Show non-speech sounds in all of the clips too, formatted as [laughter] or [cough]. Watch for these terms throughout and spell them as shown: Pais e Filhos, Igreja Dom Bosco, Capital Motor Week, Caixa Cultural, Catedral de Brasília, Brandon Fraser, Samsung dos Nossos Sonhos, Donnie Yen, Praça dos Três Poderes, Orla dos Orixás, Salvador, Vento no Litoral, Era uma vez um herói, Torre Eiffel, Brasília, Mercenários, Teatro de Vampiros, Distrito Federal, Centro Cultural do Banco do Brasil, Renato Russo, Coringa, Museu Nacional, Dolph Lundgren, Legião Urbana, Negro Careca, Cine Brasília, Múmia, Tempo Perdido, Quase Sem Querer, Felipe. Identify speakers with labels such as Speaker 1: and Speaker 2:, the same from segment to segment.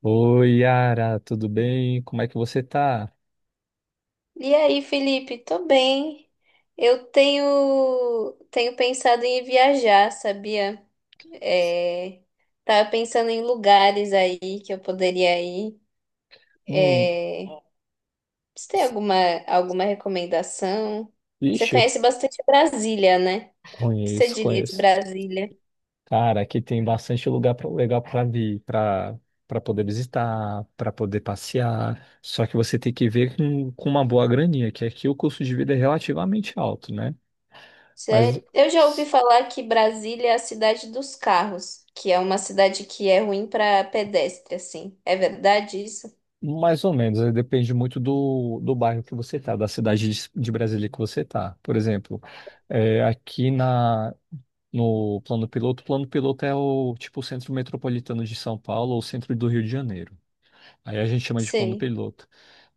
Speaker 1: Oi, Yara, tudo bem? Como é que você tá?
Speaker 2: E aí, Felipe? Tô bem. Eu tenho pensado em viajar, sabia? É, tava pensando em lugares aí que eu poderia ir.
Speaker 1: Hum,
Speaker 2: É, você tem alguma recomendação? Você
Speaker 1: ixi, eu
Speaker 2: conhece bastante Brasília, né? O que você
Speaker 1: conheço,
Speaker 2: diria de
Speaker 1: conheço.
Speaker 2: Brasília?
Speaker 1: Cara, aqui tem bastante lugar legal para vir, para poder visitar, para poder passear. Só que você tem que ver com uma boa graninha, que aqui o custo de vida é relativamente alto, né? Mas
Speaker 2: Sério? Eu já ouvi
Speaker 1: s-
Speaker 2: falar que Brasília é a cidade dos carros, que é uma cidade que é ruim para pedestre, assim. É verdade isso?
Speaker 1: mais ou menos, depende muito do bairro que você tá, da cidade de Brasília que você tá. Por exemplo, aqui na No plano piloto, o plano piloto é o tipo o centro metropolitano de São Paulo ou o centro do Rio de Janeiro. Aí a gente chama de plano
Speaker 2: Sim.
Speaker 1: piloto.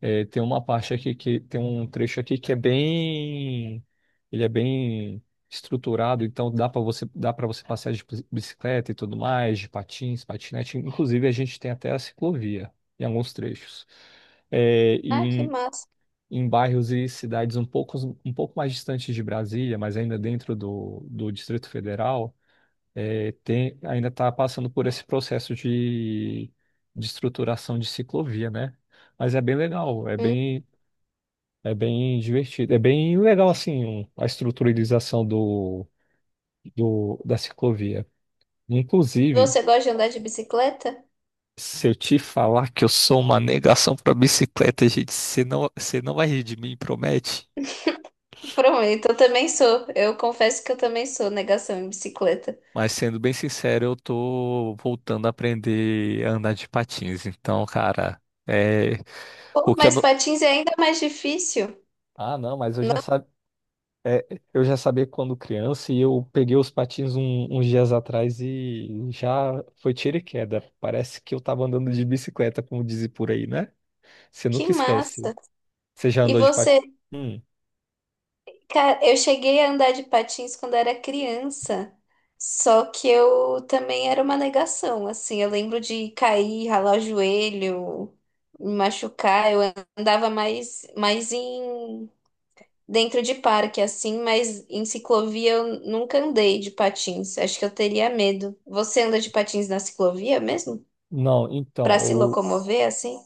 Speaker 1: É, tem uma parte aqui que tem um trecho aqui ele é bem estruturado, então dá para você passear de bicicleta e tudo mais, de patins, patinete. Inclusive a gente tem até a ciclovia em alguns trechos. É, e
Speaker 2: Ah, que
Speaker 1: em,
Speaker 2: massa.
Speaker 1: em bairros e cidades um pouco mais distantes de Brasília, mas ainda dentro do Distrito Federal ainda está passando por esse processo de estruturação de ciclovia, né? Mas é bem legal, é bem divertido, é bem legal assim a estruturalização da ciclovia. Inclusive,
Speaker 2: Você gosta de andar de bicicleta?
Speaker 1: se eu te falar que eu sou uma negação para bicicleta, gente, você não vai rir de mim, promete?
Speaker 2: Prometo, eu também sou. Eu confesso que eu também sou negação em bicicleta.
Speaker 1: Mas sendo bem sincero, eu tô voltando a aprender a andar de patins. Então, cara, é
Speaker 2: Pô,
Speaker 1: o que eu
Speaker 2: mas
Speaker 1: não...
Speaker 2: patins é ainda mais difícil.
Speaker 1: Ah, não, mas eu já sabia. É, eu já sabia quando criança e eu peguei os patins uns dias atrás e já foi tiro e queda. Parece que eu tava andando de bicicleta, como dizem por aí, né? Você
Speaker 2: Que
Speaker 1: nunca esquece.
Speaker 2: massa!
Speaker 1: Você já
Speaker 2: E
Speaker 1: andou de patins?
Speaker 2: você,
Speaker 1: Hum.
Speaker 2: cara, eu cheguei a andar de patins quando era criança. Só que eu também era uma negação, assim, eu lembro de cair, ralar o joelho, me machucar. Eu andava mais em dentro de parque assim, mas em ciclovia eu nunca andei de patins. Acho que eu teria medo. Você anda de patins na ciclovia mesmo?
Speaker 1: Não,
Speaker 2: Pra
Speaker 1: então,
Speaker 2: se
Speaker 1: eu.
Speaker 2: locomover assim?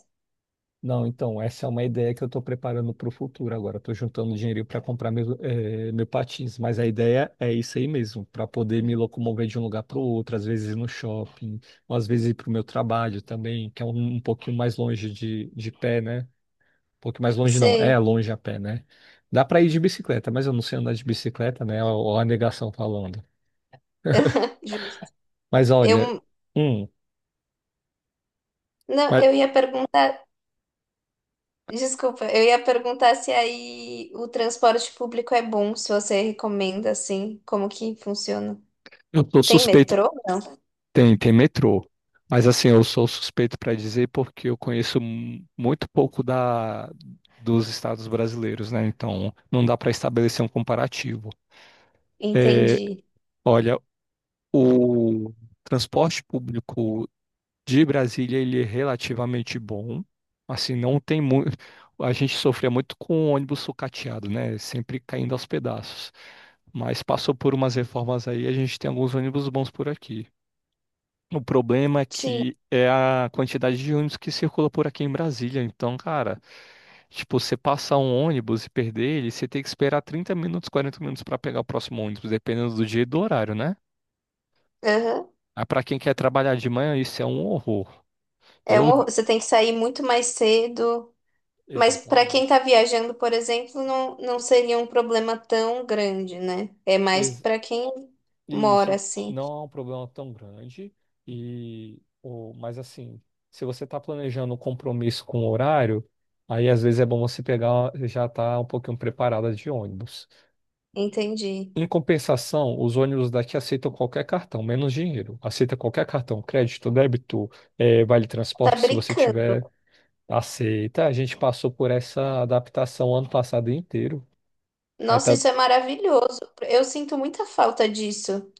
Speaker 1: Não, então, essa é uma ideia que eu estou preparando para o futuro agora. Estou juntando dinheiro para comprar meu patins, mas a ideia é isso aí mesmo, para poder me locomover de um lugar para o outro, às vezes ir no shopping, ou às vezes ir para o meu trabalho também, que é um pouquinho mais longe de pé, né? Pouco mais longe não, é
Speaker 2: Sei.
Speaker 1: longe a pé, né? Dá para ir de bicicleta, mas eu não sei andar de bicicleta, né? Ó, a negação falando.
Speaker 2: [laughs] Justo.
Speaker 1: Mas olha,
Speaker 2: Eu
Speaker 1: hum,
Speaker 2: não,
Speaker 1: mas
Speaker 2: eu ia perguntar, desculpa, eu ia perguntar se aí o transporte público é bom, se você recomenda assim, como que funciona?
Speaker 1: eu sou
Speaker 2: Tem
Speaker 1: suspeito,
Speaker 2: metrô?
Speaker 1: tem metrô. Mas assim, eu sou suspeito para dizer porque eu conheço muito pouco da dos estados brasileiros, né? Então, não dá para estabelecer um comparativo.
Speaker 2: Entendi.
Speaker 1: Olha, o transporte público de Brasília ele é relativamente bom. Assim, não tem muito. A gente sofria muito com o ônibus sucateado, né? Sempre caindo aos pedaços. Mas passou por umas reformas aí, a gente tem alguns ônibus bons por aqui. O problema é
Speaker 2: Sim.
Speaker 1: que é a quantidade de ônibus que circula por aqui em Brasília. Então, cara, tipo, você passar um ônibus e perder ele, você tem que esperar 30 minutos, 40 minutos para pegar o próximo ônibus, dependendo do dia e do horário, né?
Speaker 2: Aham.
Speaker 1: Aí, para quem quer trabalhar de manhã, isso é um horror.
Speaker 2: É um
Speaker 1: Eu,
Speaker 2: horror. Você tem que sair muito mais cedo. Mas para quem
Speaker 1: Exatamente.
Speaker 2: está viajando, por exemplo, não, não seria um problema tão grande, né? É mais
Speaker 1: es-
Speaker 2: para quem
Speaker 1: E
Speaker 2: mora
Speaker 1: isso
Speaker 2: assim.
Speaker 1: não é um problema tão grande. Mas assim, se você está planejando um compromisso com o horário, aí às vezes é bom você pegar já tá um pouquinho preparada de ônibus.
Speaker 2: Entendi.
Speaker 1: Em compensação, os ônibus daqui aceitam qualquer cartão, menos dinheiro. Aceita qualquer cartão, crédito, débito, vale
Speaker 2: Tá
Speaker 1: transporte, se você
Speaker 2: brincando.
Speaker 1: tiver, aceita. A gente passou por essa adaptação ano passado inteiro. Aí
Speaker 2: Nossa,
Speaker 1: tá,
Speaker 2: isso é maravilhoso. Eu sinto muita falta disso,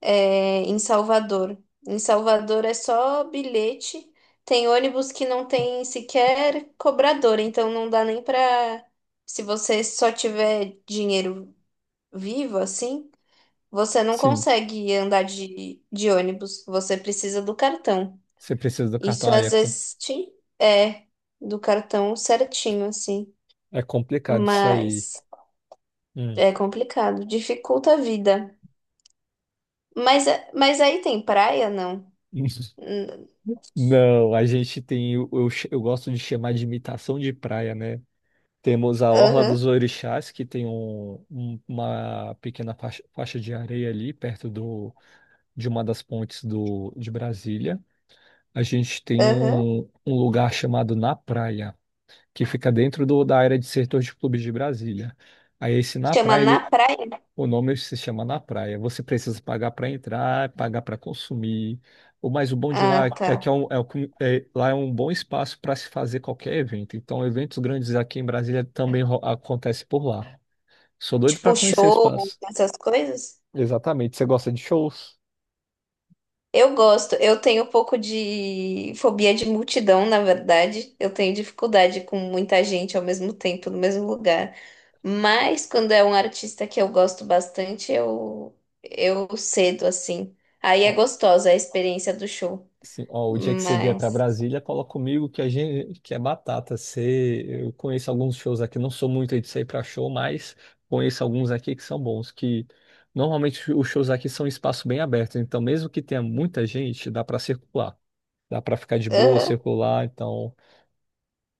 Speaker 2: é, em Salvador. Em Salvador é só bilhete. Tem ônibus que não tem sequer cobrador, então não dá nem para. Se você só tiver dinheiro vivo, assim. Você não
Speaker 1: sim,
Speaker 2: consegue andar de ônibus, você precisa do cartão.
Speaker 1: você precisa do cartão,
Speaker 2: Isso às vezes te- é do cartão certinho, assim,
Speaker 1: é complicado isso aí.
Speaker 2: mas
Speaker 1: Hum.
Speaker 2: é complicado, dificulta a vida. Mas, é- mas aí tem praia, não? Hum,
Speaker 1: Não, eu gosto de chamar de imitação de praia, né? Temos a Orla
Speaker 2: aham,
Speaker 1: dos Orixás, que tem uma pequena faixa de areia ali, perto de uma das pontes de Brasília. A gente tem
Speaker 2: aham.
Speaker 1: um lugar chamado Na Praia, que fica dentro da área de setor de clubes de Brasília. Aí esse Na
Speaker 2: Chama
Speaker 1: Praia,
Speaker 2: na
Speaker 1: ele
Speaker 2: praia?
Speaker 1: o nome se chama Na Praia. Você precisa pagar para entrar, pagar para consumir. O bom de lá
Speaker 2: Ah,
Speaker 1: é que
Speaker 2: tá.
Speaker 1: lá é um bom espaço para se fazer qualquer evento. Então, eventos grandes aqui em Brasília também acontece por lá. Sou doido
Speaker 2: Tipo
Speaker 1: para conhecer o
Speaker 2: show,
Speaker 1: espaço.
Speaker 2: essas coisas?
Speaker 1: Exatamente. Você gosta de shows?
Speaker 2: Eu gosto, eu tenho um pouco de fobia de multidão, na verdade. Eu tenho dificuldade com muita gente ao mesmo tempo, no mesmo lugar. Mas quando é um artista que eu gosto bastante, eu cedo assim. Aí é gostosa a experiência do show.
Speaker 1: Sim, ó, o dia que você vier para
Speaker 2: Mas.
Speaker 1: Brasília, cola comigo que a gente que é batata. Eu conheço alguns shows aqui, não sou muito aí de sair para show, mas conheço alguns aqui que são bons, que normalmente os shows aqui são em espaço bem aberto, então mesmo que tenha muita gente, dá para circular. Dá para ficar de boa,
Speaker 2: Aham,
Speaker 1: circular, então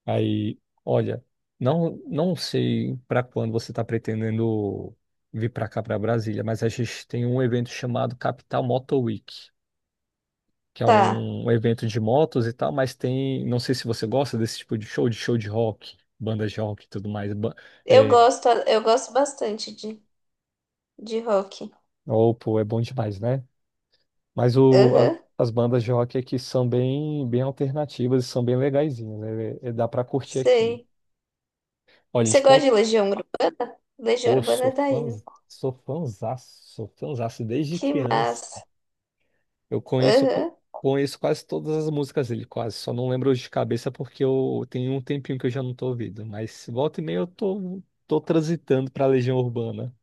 Speaker 1: aí, olha, não sei para quando você está pretendendo vir para cá para Brasília, mas a gente tem um evento chamado Capital Motor Week que é
Speaker 2: tá.
Speaker 1: um evento de motos e tal, mas tem, não sei se você gosta desse tipo de show, de show de rock, bandas de rock e tudo mais. É,
Speaker 2: Eu gosto bastante de rock.
Speaker 1: oh, pô, é bom demais, né? Mas
Speaker 2: Aham,
Speaker 1: as bandas de rock aqui são bem, bem alternativas e são bem legaizinhas, né? Dá pra curtir aqui.
Speaker 2: sei.
Speaker 1: Olha,
Speaker 2: Você
Speaker 1: gente,
Speaker 2: gosta
Speaker 1: pô,
Speaker 2: de Legião, Ur- Legião
Speaker 1: pô,
Speaker 2: Urbana
Speaker 1: sou
Speaker 2: é daí,
Speaker 1: fã,
Speaker 2: né?
Speaker 1: sou fãzaço, sou fãzaço, desde
Speaker 2: Que
Speaker 1: criança.
Speaker 2: massa.
Speaker 1: Eu conheço, co-
Speaker 2: Aham.
Speaker 1: conheço quase todas as músicas dele, quase. Só não lembro de cabeça porque eu tenho um tempinho que eu já não tô ouvindo. Mas volta e meia eu tô transitando pra Legião Urbana.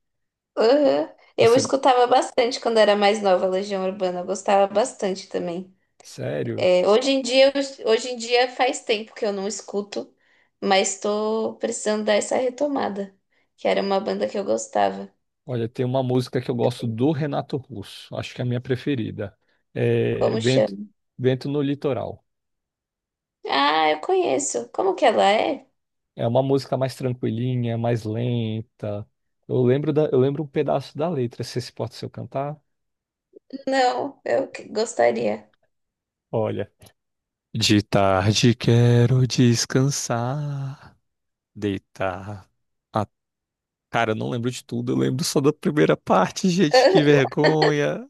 Speaker 2: Aham. Eu
Speaker 1: Você,
Speaker 2: escutava bastante quando era mais nova, Legião Urbana, eu gostava bastante também.
Speaker 1: sério?
Speaker 2: É, hoje em dia, eu- hoje em dia faz tempo que eu não escuto, mas estou precisando dar essa retomada, que era uma banda que eu gostava.
Speaker 1: Olha, tem uma música que eu gosto do Renato Russo. Acho que é a minha preferida. É
Speaker 2: Como
Speaker 1: Vento,
Speaker 2: chama?
Speaker 1: Vento no Litoral.
Speaker 2: Ah, eu conheço. Como que ela é?
Speaker 1: É uma música mais tranquilinha, mais lenta. Eu lembro um pedaço da letra. Se esse pode se eu cantar?
Speaker 2: Não, eu que- gostaria.
Speaker 1: Olha. De tarde quero descansar. Deitar. Ah, cara, eu não lembro de tudo, eu lembro só da primeira parte, gente, que
Speaker 2: [laughs]
Speaker 1: vergonha.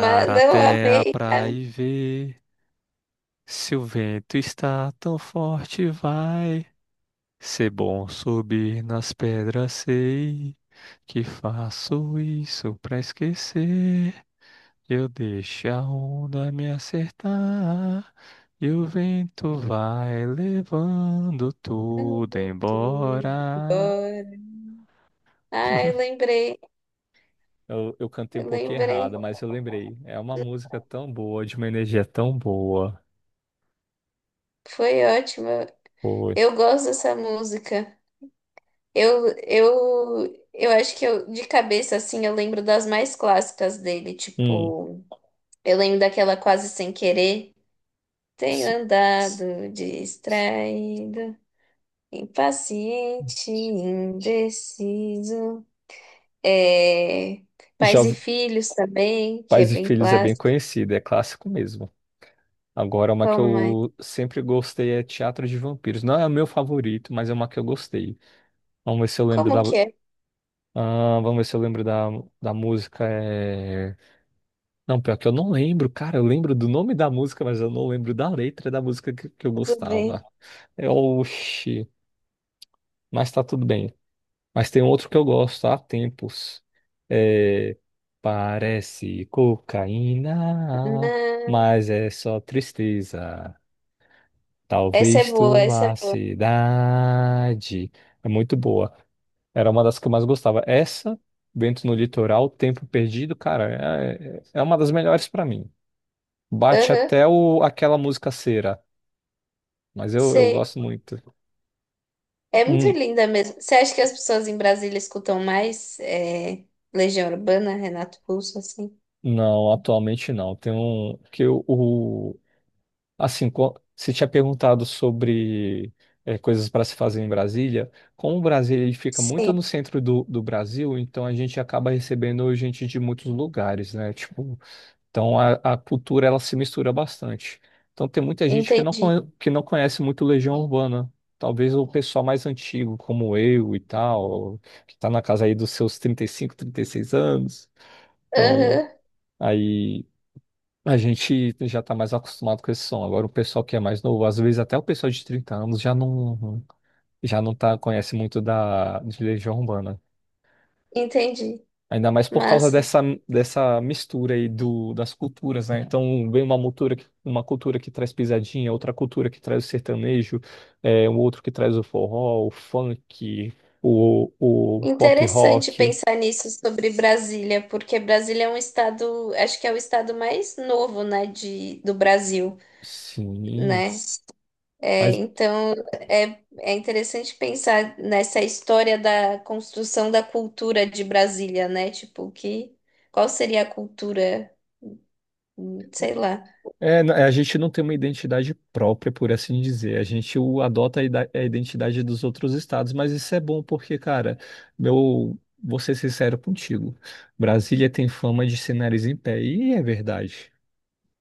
Speaker 2: Mas não
Speaker 1: até a
Speaker 2: amei
Speaker 1: praia
Speaker 2: caminhando
Speaker 1: e ver se o vento está tão forte, vai ser bom subir nas pedras, sei que faço isso pra esquecer. Eu deixo a onda me acertar e o vento vai levando tudo
Speaker 2: tudo
Speaker 1: embora.
Speaker 2: embora. Ai,
Speaker 1: [laughs]
Speaker 2: lembrei,
Speaker 1: Eu cantei um pouquinho
Speaker 2: lembrei.
Speaker 1: errado, mas eu lembrei. É uma música tão boa, de uma energia tão boa.
Speaker 2: Foi ótimo.
Speaker 1: Foi.
Speaker 2: Eu gosto dessa música. Eu acho que eu, de cabeça, assim, eu lembro das mais clássicas dele.
Speaker 1: Hum.
Speaker 2: Tipo, eu lembro daquela Quase Sem Querer. Tenho
Speaker 1: S-
Speaker 2: andado
Speaker 1: s-
Speaker 2: distraído, impaciente, indeciso. É,
Speaker 1: Já
Speaker 2: Pais e
Speaker 1: ouvi
Speaker 2: Filhos também, que é
Speaker 1: Pais e
Speaker 2: bem
Speaker 1: Filhos é bem
Speaker 2: clássico.
Speaker 1: conhecida, é clássico mesmo. Agora, uma que
Speaker 2: Qual mais?
Speaker 1: eu sempre gostei é Teatro de Vampiros. Não é o meu favorito, mas é uma que eu gostei. Vamos ver se eu lembro da.
Speaker 2: Como que é?
Speaker 1: Ah, vamos ver se eu lembro da música. É... Não, pior que eu não lembro, cara. Eu lembro do nome da música, mas eu não lembro da letra da música que eu
Speaker 2: Tudo bem.
Speaker 1: gostava. É, oxi, mas tá tudo bem. Mas tem outro que eu gosto há tempos. É, parece cocaína,
Speaker 2: Não.
Speaker 1: mas é só tristeza.
Speaker 2: Essa é
Speaker 1: Talvez
Speaker 2: boa,
Speaker 1: tu
Speaker 2: essa
Speaker 1: vá
Speaker 2: é
Speaker 1: à
Speaker 2: boa.
Speaker 1: cidade. É muito boa. Era uma das que eu mais gostava. Essa, Vento no Litoral, Tempo Perdido, cara, é uma das melhores pra mim. Bate
Speaker 2: Aham,
Speaker 1: até aquela música Cera, mas eu
Speaker 2: sei.
Speaker 1: gosto muito.
Speaker 2: É muito
Speaker 1: Hum,
Speaker 2: linda mesmo. Você acha que as pessoas em Brasília escutam mais é, Legião Urbana, Renato Russo, assim?
Speaker 1: não, atualmente não. Tem um que o, Assim, você tinha perguntado sobre coisas para se fazer em Brasília. Como o Brasil ele fica muito
Speaker 2: Sim,
Speaker 1: no centro do Brasil, então a gente acaba recebendo gente de muitos lugares, né? Tipo, então a cultura ela se mistura bastante. Então tem muita gente que não,
Speaker 2: entendi.
Speaker 1: conhe- que não conhece muito Legião Urbana. Talvez o pessoal mais antigo, como eu e tal, que está na casa aí dos seus 30, 35, 36 anos. Então,
Speaker 2: Aham,
Speaker 1: aí. A gente já está mais acostumado com esse som. Agora o pessoal que é mais novo, às vezes até o pessoal de 30 anos já não conhece muito da de Legião Urbana.
Speaker 2: entendi.
Speaker 1: Ainda mais por causa
Speaker 2: Massa.
Speaker 1: dessa mistura aí do das culturas, né? Então vem uma cultura que, traz pisadinha, outra cultura que traz o sertanejo, um outro que traz o forró, o funk, o pop
Speaker 2: Interessante
Speaker 1: rock.
Speaker 2: pensar nisso sobre Brasília, porque Brasília é um estado, acho que é o estado mais novo, né, de, do Brasil,
Speaker 1: Sim.
Speaker 2: né? É,
Speaker 1: Mas
Speaker 2: então, é, é interessante pensar nessa história da construção da cultura de Brasília, né? Tipo, que, qual seria a cultura? Hum, sei lá.
Speaker 1: é, a gente não tem uma identidade própria, por assim dizer. A gente adota a identidade dos outros estados, mas isso é bom porque, cara, meu, vou ser sincero contigo. Brasília tem fama de ser nariz em pé, e é verdade.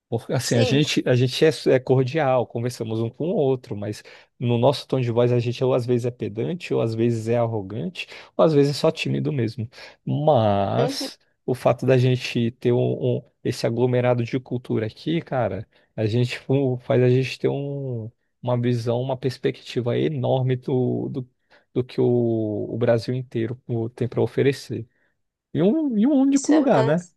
Speaker 1: Porque, assim, a
Speaker 2: Sim,
Speaker 1: gente, a gente é cordial, conversamos um com o outro, mas no nosso tom de voz a gente ou às vezes é pedante, ou às vezes é arrogante, ou às vezes é só tímido mesmo.
Speaker 2: uhum,
Speaker 1: Mas o fato da gente ter esse aglomerado de cultura aqui, cara, a gente faz a gente ter uma visão, uma perspectiva enorme do que o Brasil inteiro tem para oferecer. E um único
Speaker 2: isso é
Speaker 1: lugar, né?
Speaker 2: massa.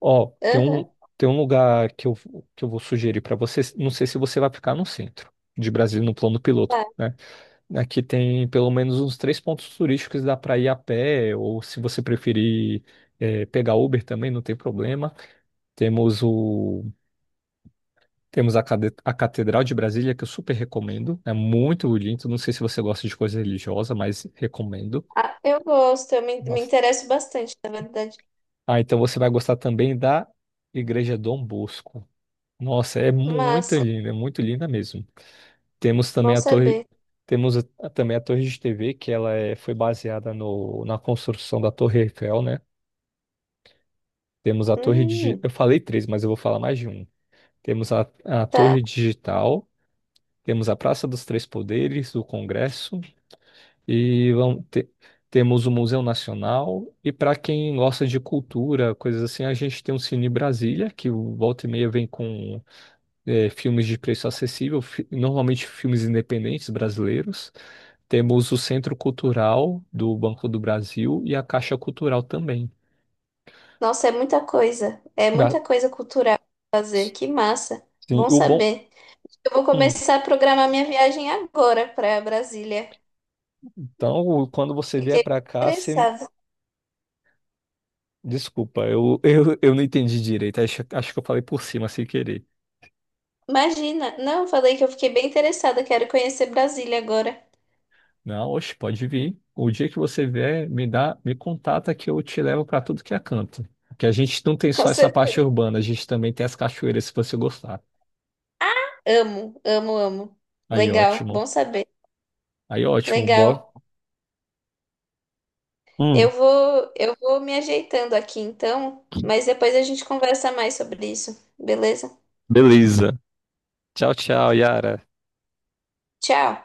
Speaker 1: Ó, tem
Speaker 2: Aham,
Speaker 1: um, tem um lugar que eu vou sugerir para você. Não sei se você vai ficar no centro de Brasília, no plano piloto,
Speaker 2: tá.
Speaker 1: né? Aqui tem pelo menos uns três pontos turísticos, dá para ir a pé, ou se você preferir pegar Uber também, não tem problema. Temos o, temos a Catedral de Brasília, que eu super recomendo. É muito bonito. Não sei se você gosta de coisa religiosa, mas recomendo.
Speaker 2: Ah, eu gosto, eu me, me
Speaker 1: Nossa.
Speaker 2: interesso bastante, na verdade.
Speaker 1: Ah, então você vai gostar também da Igreja Dom Bosco. Nossa,
Speaker 2: Massa,
Speaker 1: é muito linda mesmo. Temos também
Speaker 2: bom
Speaker 1: a torre,
Speaker 2: saber.
Speaker 1: temos também a torre de TV, que ela foi baseada no, na construção da Torre Eiffel, né? Temos a torre digital,
Speaker 2: Hum,
Speaker 1: eu falei três, mas eu vou falar mais de um. Temos a
Speaker 2: tá.
Speaker 1: torre digital, temos a Praça dos Três Poderes, o Congresso, e temos o Museu Nacional. E para quem gosta de cultura, coisas assim, a gente tem o Cine Brasília, que o volta e meia vem com filmes de preço acessível, normalmente filmes independentes brasileiros. Temos o Centro Cultural do Banco do Brasil e a Caixa Cultural também.
Speaker 2: Nossa, é muita coisa. É
Speaker 1: Ah,
Speaker 2: muita coisa cultural pra fazer. Que massa.
Speaker 1: sim,
Speaker 2: Bom
Speaker 1: o bom.
Speaker 2: saber. Eu vou
Speaker 1: Hum,
Speaker 2: começar a programar minha viagem agora para Brasília.
Speaker 1: Então, quando você vier
Speaker 2: Fiquei
Speaker 1: para cá, você.
Speaker 2: interessada.
Speaker 1: Desculpa, eu, [laughs] eu não entendi direito. Acho que eu falei por cima sem querer.
Speaker 2: Imagina, não, falei que eu fiquei bem interessada, quero conhecer Brasília agora.
Speaker 1: Não, oxe, pode vir. O dia que você vier, me contata que eu te levo para tudo que é canto. Que a gente não tem
Speaker 2: [laughs] Com
Speaker 1: só essa parte
Speaker 2: certeza.
Speaker 1: urbana, a gente também tem as cachoeiras, se você gostar.
Speaker 2: Amo, amo, amo.
Speaker 1: Aí,
Speaker 2: Legal,
Speaker 1: ótimo.
Speaker 2: bom saber.
Speaker 1: Aí ótimo, bora.
Speaker 2: Legal. Eu
Speaker 1: Hum,
Speaker 2: vou, eu vou me ajeitando aqui então, mas depois a gente conversa mais sobre isso, beleza?
Speaker 1: beleza. Tchau, tchau, Yara.
Speaker 2: Tchau.